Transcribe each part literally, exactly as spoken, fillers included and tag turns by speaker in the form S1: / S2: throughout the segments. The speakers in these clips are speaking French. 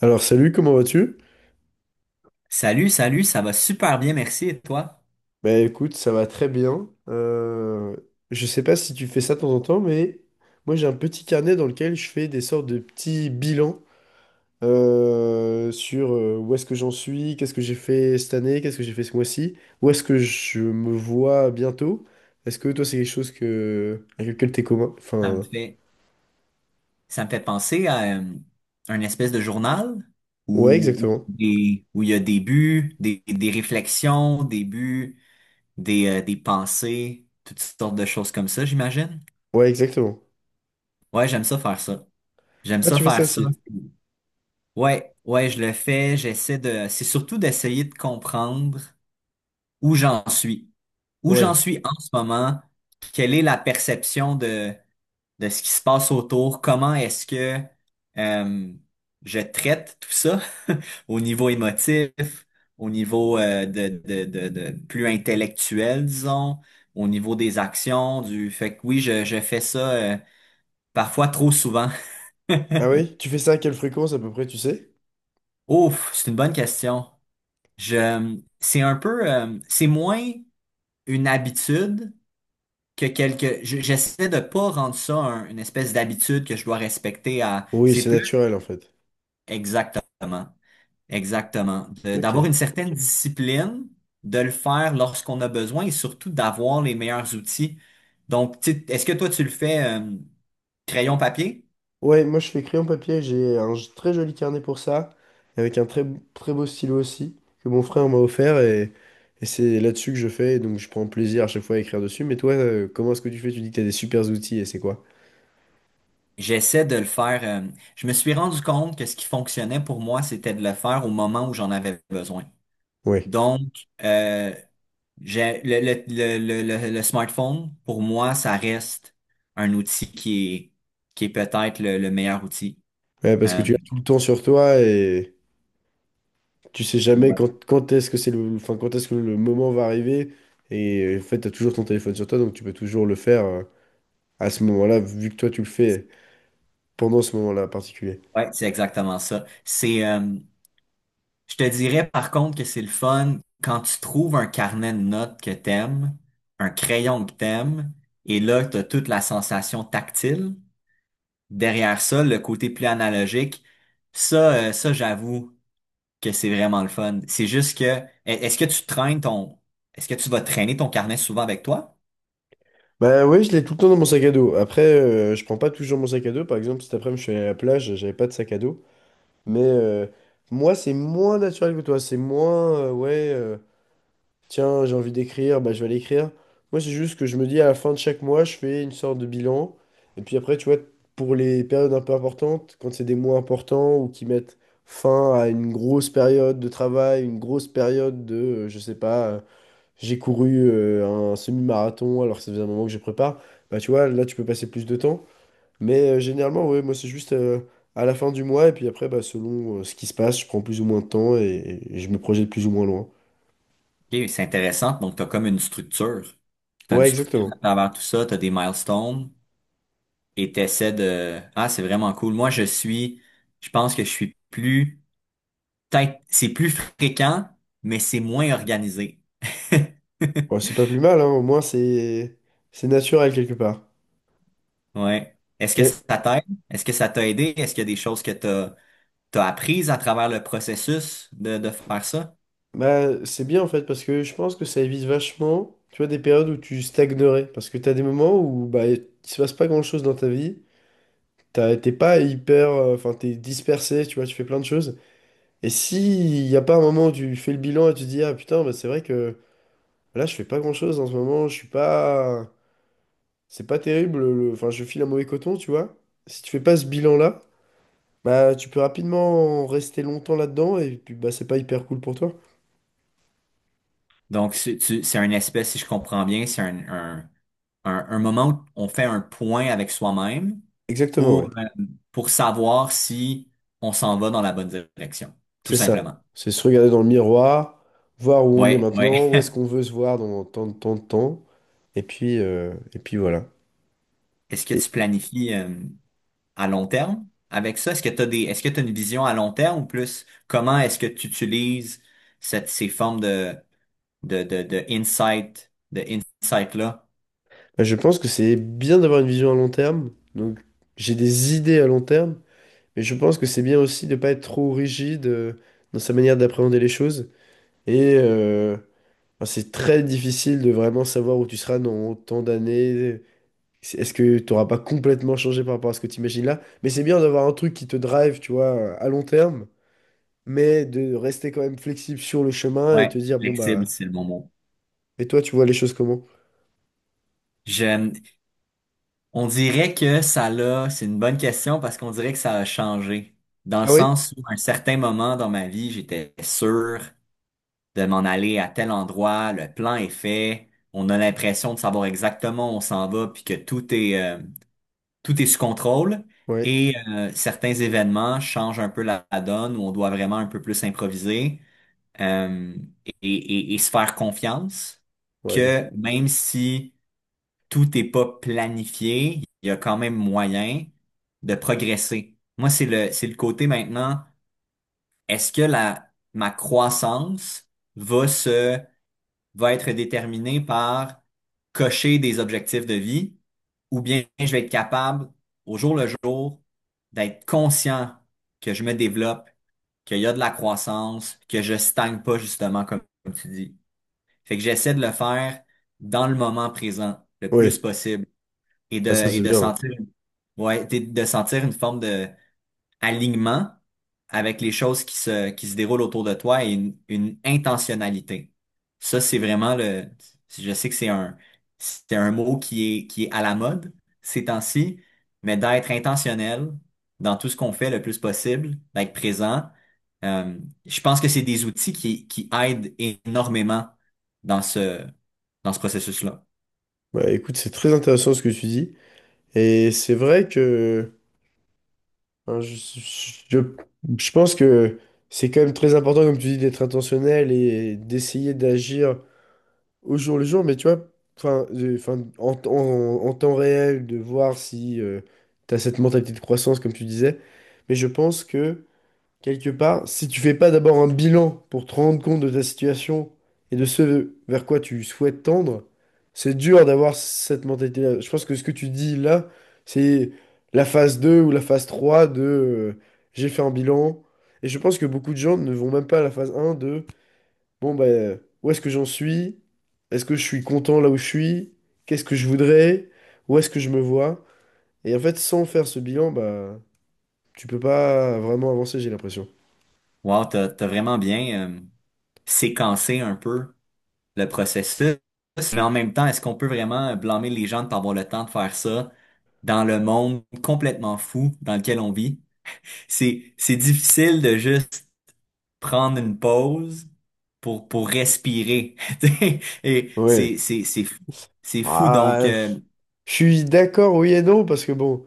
S1: Alors salut, comment vas-tu?
S2: Salut, salut, ça va super bien, merci. Et toi?
S1: Bah écoute, ça va très bien. Euh, je sais pas si tu fais ça de temps en temps, mais moi j'ai un petit carnet dans lequel je fais des sortes de petits bilans euh, sur euh, où est-ce que j'en suis, qu'est-ce que j'ai fait cette année, qu'est-ce que j'ai fait ce mois-ci, où est-ce que je me vois bientôt. Est-ce que toi c'est quelque chose que avec lequel t'es commun?
S2: Ça me
S1: Enfin,
S2: fait, ça me fait penser à euh, un espèce de journal
S1: ouais,
S2: où, où,
S1: exactement.
S2: des- où il y a des buts, des, des réflexions, des buts, des, euh, des pensées, toutes sortes de choses comme ça, j'imagine.
S1: Ouais, exactement.
S2: Ouais, j'aime ça faire ça. J'aime
S1: Ah,
S2: ça
S1: tu fais ça
S2: faire ça.
S1: aussi?
S2: Ouais, ouais, je le fais. J'essaie de, c'est surtout d'essayer de comprendre où j'en suis, où j'en
S1: Ouais.
S2: suis en ce moment, quelle est la perception de de ce qui se passe autour, comment est-ce que euh, je traite tout ça au niveau émotif, au niveau euh, de, de, de, de plus intellectuel, disons, au niveau des actions, du fait que oui, je, je fais ça euh, parfois trop souvent.
S1: Ah oui? Tu fais ça à quelle fréquence à peu près, tu sais?
S2: Ouf, c'est une bonne question. Je, c'est un peu, euh, c'est moins une habitude que quelque. je- J'essaie de pas rendre ça un- une espèce d'habitude que je dois respecter à.
S1: Oui,
S2: C'est
S1: c'est
S2: plus
S1: naturel en fait.
S2: exactement. Exactement. De-
S1: Ok.
S2: D'avoir une certaine discipline, de le faire lorsqu'on a besoin et surtout d'avoir les meilleurs outils. Donc, tu sais, est-ce que toi, tu le fais euh, crayon papier?
S1: Ouais, moi je fais crayon papier, j'ai un j- très joli carnet pour ça, avec un très, très beau stylo aussi, que mon frère m'a offert, et, et c'est là-dessus que je fais, et donc je prends plaisir à chaque fois à écrire dessus. Mais toi, euh, comment est-ce que tu fais? Tu dis que t'as des super outils, et c'est quoi?
S2: J'essaie de le faire. Euh, je me suis rendu compte que ce qui fonctionnait pour moi, c'était de le faire au moment où j'en avais besoin.
S1: Ouais.
S2: Donc, euh, j'ai, le, le, le, le, le- le smartphone, pour moi, ça reste un outil qui est, qui est peut-être le, le meilleur outil.
S1: Ouais, parce que
S2: Euh,
S1: tu as tout le temps sur toi, et tu sais jamais
S2: ouais.
S1: quand, quand est-ce que c'est le, enfin, quand est-ce que le moment va arriver, et en fait, t'as toujours ton téléphone sur toi, donc tu peux toujours le faire euh, à ce moment-là, vu que toi tu le fais pendant ce moment-là particulier.
S2: Ouais, c'est exactement ça. C'est, euh, je te dirais par contre que c'est le fun quand tu trouves un carnet de notes que t'aimes, un crayon que t'aimes, et là, t'as toute la sensation tactile. Derrière ça, le côté plus analogique, ça, euh, ça, j'avoue que c'est vraiment le fun. C'est juste que, e- est-ce que tu traînes ton, est-ce que tu vas traîner ton carnet souvent avec toi?
S1: Bah ouais, je l'ai tout le temps dans mon sac à dos. Après, euh, je prends pas toujours mon sac à dos. Par exemple, cet après-midi, je suis allé à la plage, j'avais pas de sac à dos. Mais euh, moi, c'est moins naturel que toi. C'est moins, euh, ouais, euh, tiens, j'ai envie d'écrire, bah je vais l'écrire. Moi, c'est juste que je me dis à la fin de chaque mois, je fais une sorte de bilan. Et puis après, tu vois, pour les périodes un peu importantes, quand c'est des mois importants ou qui mettent fin à une grosse période de travail, une grosse période de, euh, je sais pas. euh, j'ai couru euh, un semi-marathon alors que ça faisait un moment que je prépare, bah tu vois, là tu peux passer plus de temps. Mais euh, généralement, ouais, moi c'est juste euh, à la fin du mois et puis après, bah, selon euh, ce qui se passe, je prends plus ou moins de temps et, et je me projette plus ou moins loin.
S2: Ok, c'est intéressant. Donc, t'as comme une structure. T'as une
S1: Ouais,
S2: structure à
S1: exactement.
S2: travers tout ça, t'as des milestones et t'essaies de, ah, c'est vraiment cool. Moi, je suis, je pense que je suis plus Peut-être, c'est plus fréquent, mais c'est moins organisé.
S1: Bon, c'est pas plus mal, hein, au moins c'est c'est naturel quelque part.
S2: Ouais. Est-ce que
S1: Et,
S2: ça t'aide? Est-ce que ça t'a aidé? Est-ce qu'il y a des choses que t'as t'as apprises à travers le processus de, de faire ça?
S1: bah, c'est bien en fait parce que je pense que ça évite vachement, tu vois, des périodes où tu stagnerais. Parce que t'as des moments où bah, il se passe pas grand-chose dans ta vie. T'as- T'es pas hyper, euh, enfin, t'es dispersé, tu vois, tu fais plein de choses. Et si il n'y a pas un moment où tu fais le bilan et tu te dis, ah putain, bah, c'est vrai que là, je fais pas grand-chose en ce moment, je suis pas... C'est pas terrible, le- enfin, je file un mauvais coton, tu vois. Si tu fais pas ce bilan-là, bah, tu peux rapidement rester longtemps là-dedans et puis, bah, c'est pas hyper cool pour toi.
S2: Donc, c'est tu- c'est un espèce, si je comprends bien, c'est un, un, un, un moment où on fait un point avec soi-même
S1: Exactement, ouais.
S2: pour, euh, pour savoir si on s'en va dans la bonne direction, tout
S1: C'est ça.
S2: simplement.
S1: C'est se regarder dans le miroir, voir où on est
S2: Ouais, ouais.
S1: maintenant, où est-ce qu'on veut se voir dans tant de temps de temps, et puis, euh, et puis voilà.
S2: Est-ce que
S1: Et
S2: tu planifies? Euh, à long terme avec ça? Est-ce que tu as des, est-ce que tu une vision à long terme ou plus comment est-ce que tu utilises cette, ces formes de, de, de, de insight, de insight-là?
S1: bah, je pense que c'est bien d'avoir une vision à long terme, donc j'ai des idées à long terme. Mais je pense que c'est bien aussi de ne pas être trop rigide euh, dans sa manière d'appréhender les choses. Et euh, enfin, c'est très difficile de vraiment savoir où tu seras dans tant d'années. C'est- Est-ce que tu n'auras pas complètement changé par rapport à ce que tu imagines là? Mais c'est bien d'avoir un truc qui te drive, tu vois, à long terme, mais de rester quand même flexible sur le chemin et
S2: Ouais,
S1: te dire, bon
S2: flexible,
S1: bah,
S2: c'est le bon mot.
S1: et toi, tu vois les choses comment?
S2: Je, on dirait que ça l'a, c'est une bonne question parce qu'on dirait que ça a changé. Dans le
S1: Ah oui?
S2: sens où, à un certain moment dans ma vie, j'étais sûr de m'en aller à tel endroit, le plan est fait, on a l'impression de savoir exactement où on s'en va, puis que tout est, euh, tout est sous contrôle
S1: Ouais.
S2: et euh, certains événements changent un peu la, la donne où on doit vraiment un peu plus improviser euh, et, et- et se faire confiance
S1: Ouais, ouais.
S2: que même si tout n'est pas planifié, il y a quand même moyen de progresser. Moi, c'est le, c'est le côté maintenant, est-ce que la, ma croissance va se va être déterminé par cocher des objectifs de vie ou bien je vais être capable, au jour le jour, d'être conscient que je me développe, qu'il y a de la croissance, que je stagne pas justement comme, comme tu dis. Fait que j'essaie de le faire dans le moment présent le plus
S1: Ouais.
S2: possible et de,
S1: Ah, ça,
S2: et
S1: c'est
S2: de
S1: bien.
S2: sentir, ouais, de de sentir une forme de alignement avec les choses qui se, qui se déroulent autour de toi et une, une intentionnalité. Ça, c'est vraiment le, je sais que c'est un, c'est un mot qui est, qui est à la mode ces temps-ci, mais d'être intentionnel dans tout ce qu'on fait le plus possible, d'être présent, euh, je pense que c'est des outils qui, qui aident énormément dans ce, dans ce processus-là.
S1: Ouais, bah, écoute, c'est très intéressant ce que tu dis. Et c'est vrai que. Hein, je, je, je pense que c'est quand même très important, comme tu dis, d'être intentionnel et d'essayer d'agir au jour le jour, mais tu vois, enfin, de- enfin, en, en- en temps réel, de voir si tu as cette mentalité de croissance, comme tu disais. Mais je pense que quelque part, si tu fais pas d'abord un bilan pour te rendre compte de ta situation et de ce vers quoi tu souhaites tendre, c'est dur d'avoir cette mentalité-là. Je pense que ce que tu dis là, c'est la phase deux ou la phase trois de euh, j'ai fait un bilan. Et je pense que beaucoup de gens ne vont même pas à la phase un de bon, bah, où est-ce que j'en suis? Est-ce que je suis content là où je suis? Qu'est-ce que je voudrais? Où est-ce que je me vois? Et en fait, sans faire ce bilan, bah, tu peux pas vraiment avancer, j'ai l'impression.
S2: Wow, t'as, t'as vraiment bien, euh, séquencé un peu le processus. Mais en même temps, est-ce qu'on peut vraiment blâmer les gens de pas avoir le temps de faire ça dans le monde complètement fou dans lequel on vit? C'est, c'est difficile de juste prendre une pause pour, pour respirer. Tu sais. Et
S1: Ouais.
S2: c'est, c'est, c'est fou. C'est fou. Donc,
S1: Ah,
S2: euh,
S1: je suis d'accord, oui et non, parce que bon,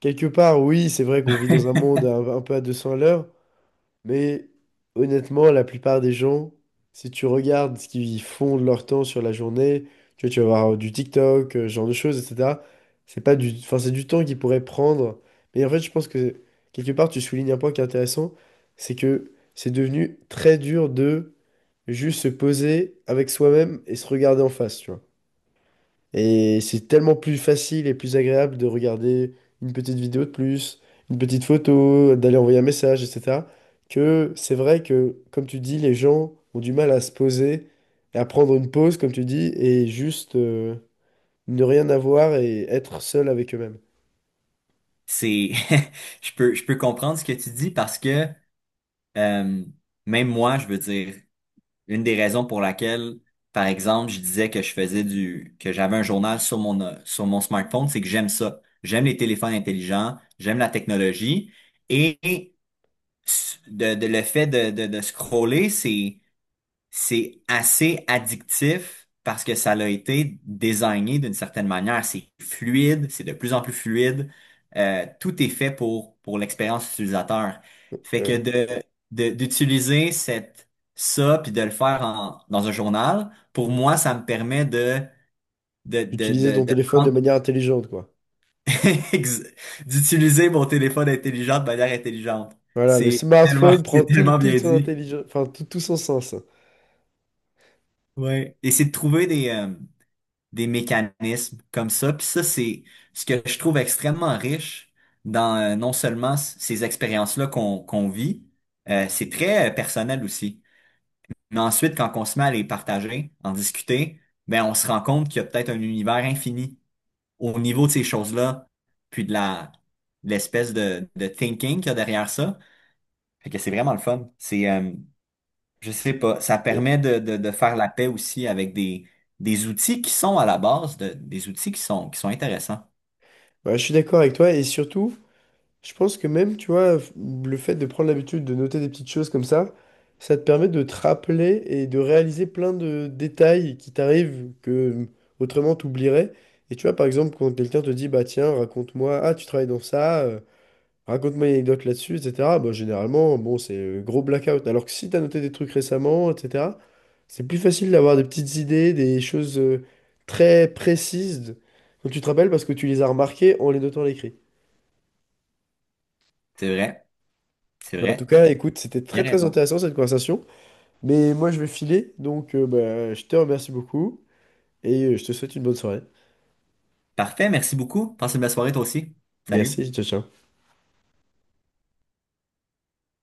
S1: quelque part, oui, c'est vrai qu'on vit dans un monde un, un peu à deux cents à l'heure, mais honnêtement, la plupart des gens, si tu regardes ce qu'ils font de leur temps sur la journée, tu vois, tu vas voir euh, du TikTok, euh, ce genre de choses, et cetera. C'est pas du, enfin, c'est du temps qu'ils pourraient prendre. Mais en fait, je pense que quelque part, tu soulignes un point qui est intéressant, c'est que c'est devenu très dur de juste se poser avec soi-même et se regarder en face, tu vois. Et c'est tellement plus facile et plus agréable de regarder une petite vidéo de plus, une petite photo, d'aller envoyer un message, et cetera. Que c'est vrai que, comme tu dis, les gens ont du mal à se poser et à prendre une pause, comme tu dis, et juste euh, ne rien avoir et être seul avec eux-mêmes.
S2: c'est, je peux, je peux comprendre ce que tu dis parce que, euh, même moi, je veux dire, une des raisons pour laquelle, par exemple, je disais que je faisais du, que j'avais un journal sur mon, euh, sur mon smartphone, c'est que j'aime ça. J'aime les téléphones intelligents, j'aime la technologie et s- de, de- le fait de, de, de scroller, c'est, c'est assez addictif parce que ça l'a été désigné d'une certaine manière. C'est fluide, c'est de plus en plus fluide. Euh, tout est fait pour, pour l'expérience utilisateur. Fait que
S1: Ouais.
S2: de, de- d'utiliser cette, ça puis de le faire en- dans un journal, pour moi, ça me permet de, de, de,
S1: D'utiliser
S2: de,
S1: ton
S2: de
S1: téléphone de
S2: prendre,
S1: manière intelligente, quoi.
S2: ex- d'utiliser mon téléphone intelligent de manière intelligente.
S1: Voilà, le
S2: C'est tellement,
S1: smartphone prend
S2: c'est
S1: tout,
S2: tellement
S1: toute
S2: bien
S1: son
S2: dit.
S1: intelligence, enfin tout, tout, son sens.
S2: Ouais. Et c'est de trouver des, euh, des mécanismes comme ça. Puis ça, c'est ce que je trouve extrêmement riche dans euh, non seulement c- ces expériences-là qu'on qu'on vit, euh, c'est très euh, personnel aussi. Mais ensuite, quand on se met à les partager, en discuter, ben on se rend compte qu'il y a peut-être un univers infini au niveau de ces choses-là, puis de la de l'espèce de, de thinking qu'il y a derrière ça. Fait que c'est vraiment le fun. C'est euh, je sais pas. Ça
S1: Mais
S2: permet de, de, de faire la paix aussi avec des, des outils qui sont à la base, de, des outils qui sont, qui sont intéressants.
S1: bah, je suis d'accord avec toi et surtout. Je pense que même, tu vois, le fait de prendre l'habitude de noter des petites choses comme ça, ça te permet de te rappeler et de réaliser plein de détails qui t'arrivent que autrement t'oublierais. Et tu vois, par exemple, quand quelqu'un te dit, bah tiens, raconte-moi, ah, tu travailles dans ça, euh, raconte-moi une anecdote là-dessus, et cetera. Bah, généralement, bon, c'est euh, gros blackout. Alors que si t'as noté des trucs récemment, et cetera, c'est plus facile d'avoir des petites idées, des choses euh, très précises dont tu te rappelles parce que tu les as remarquées en les notant à l'écrit.
S2: C'est vrai. C'est
S1: Bah, en
S2: vrai.
S1: tout
S2: T'as
S1: cas, écoute, c'était
S2: bien
S1: très très
S2: raison.
S1: intéressant cette conversation. Mais moi, je vais filer, donc euh, bah, je te remercie beaucoup et euh, je te souhaite une bonne soirée.
S2: Parfait. Merci beaucoup. Passe une belle soirée toi aussi. Salut.
S1: Merci, ciao ciao.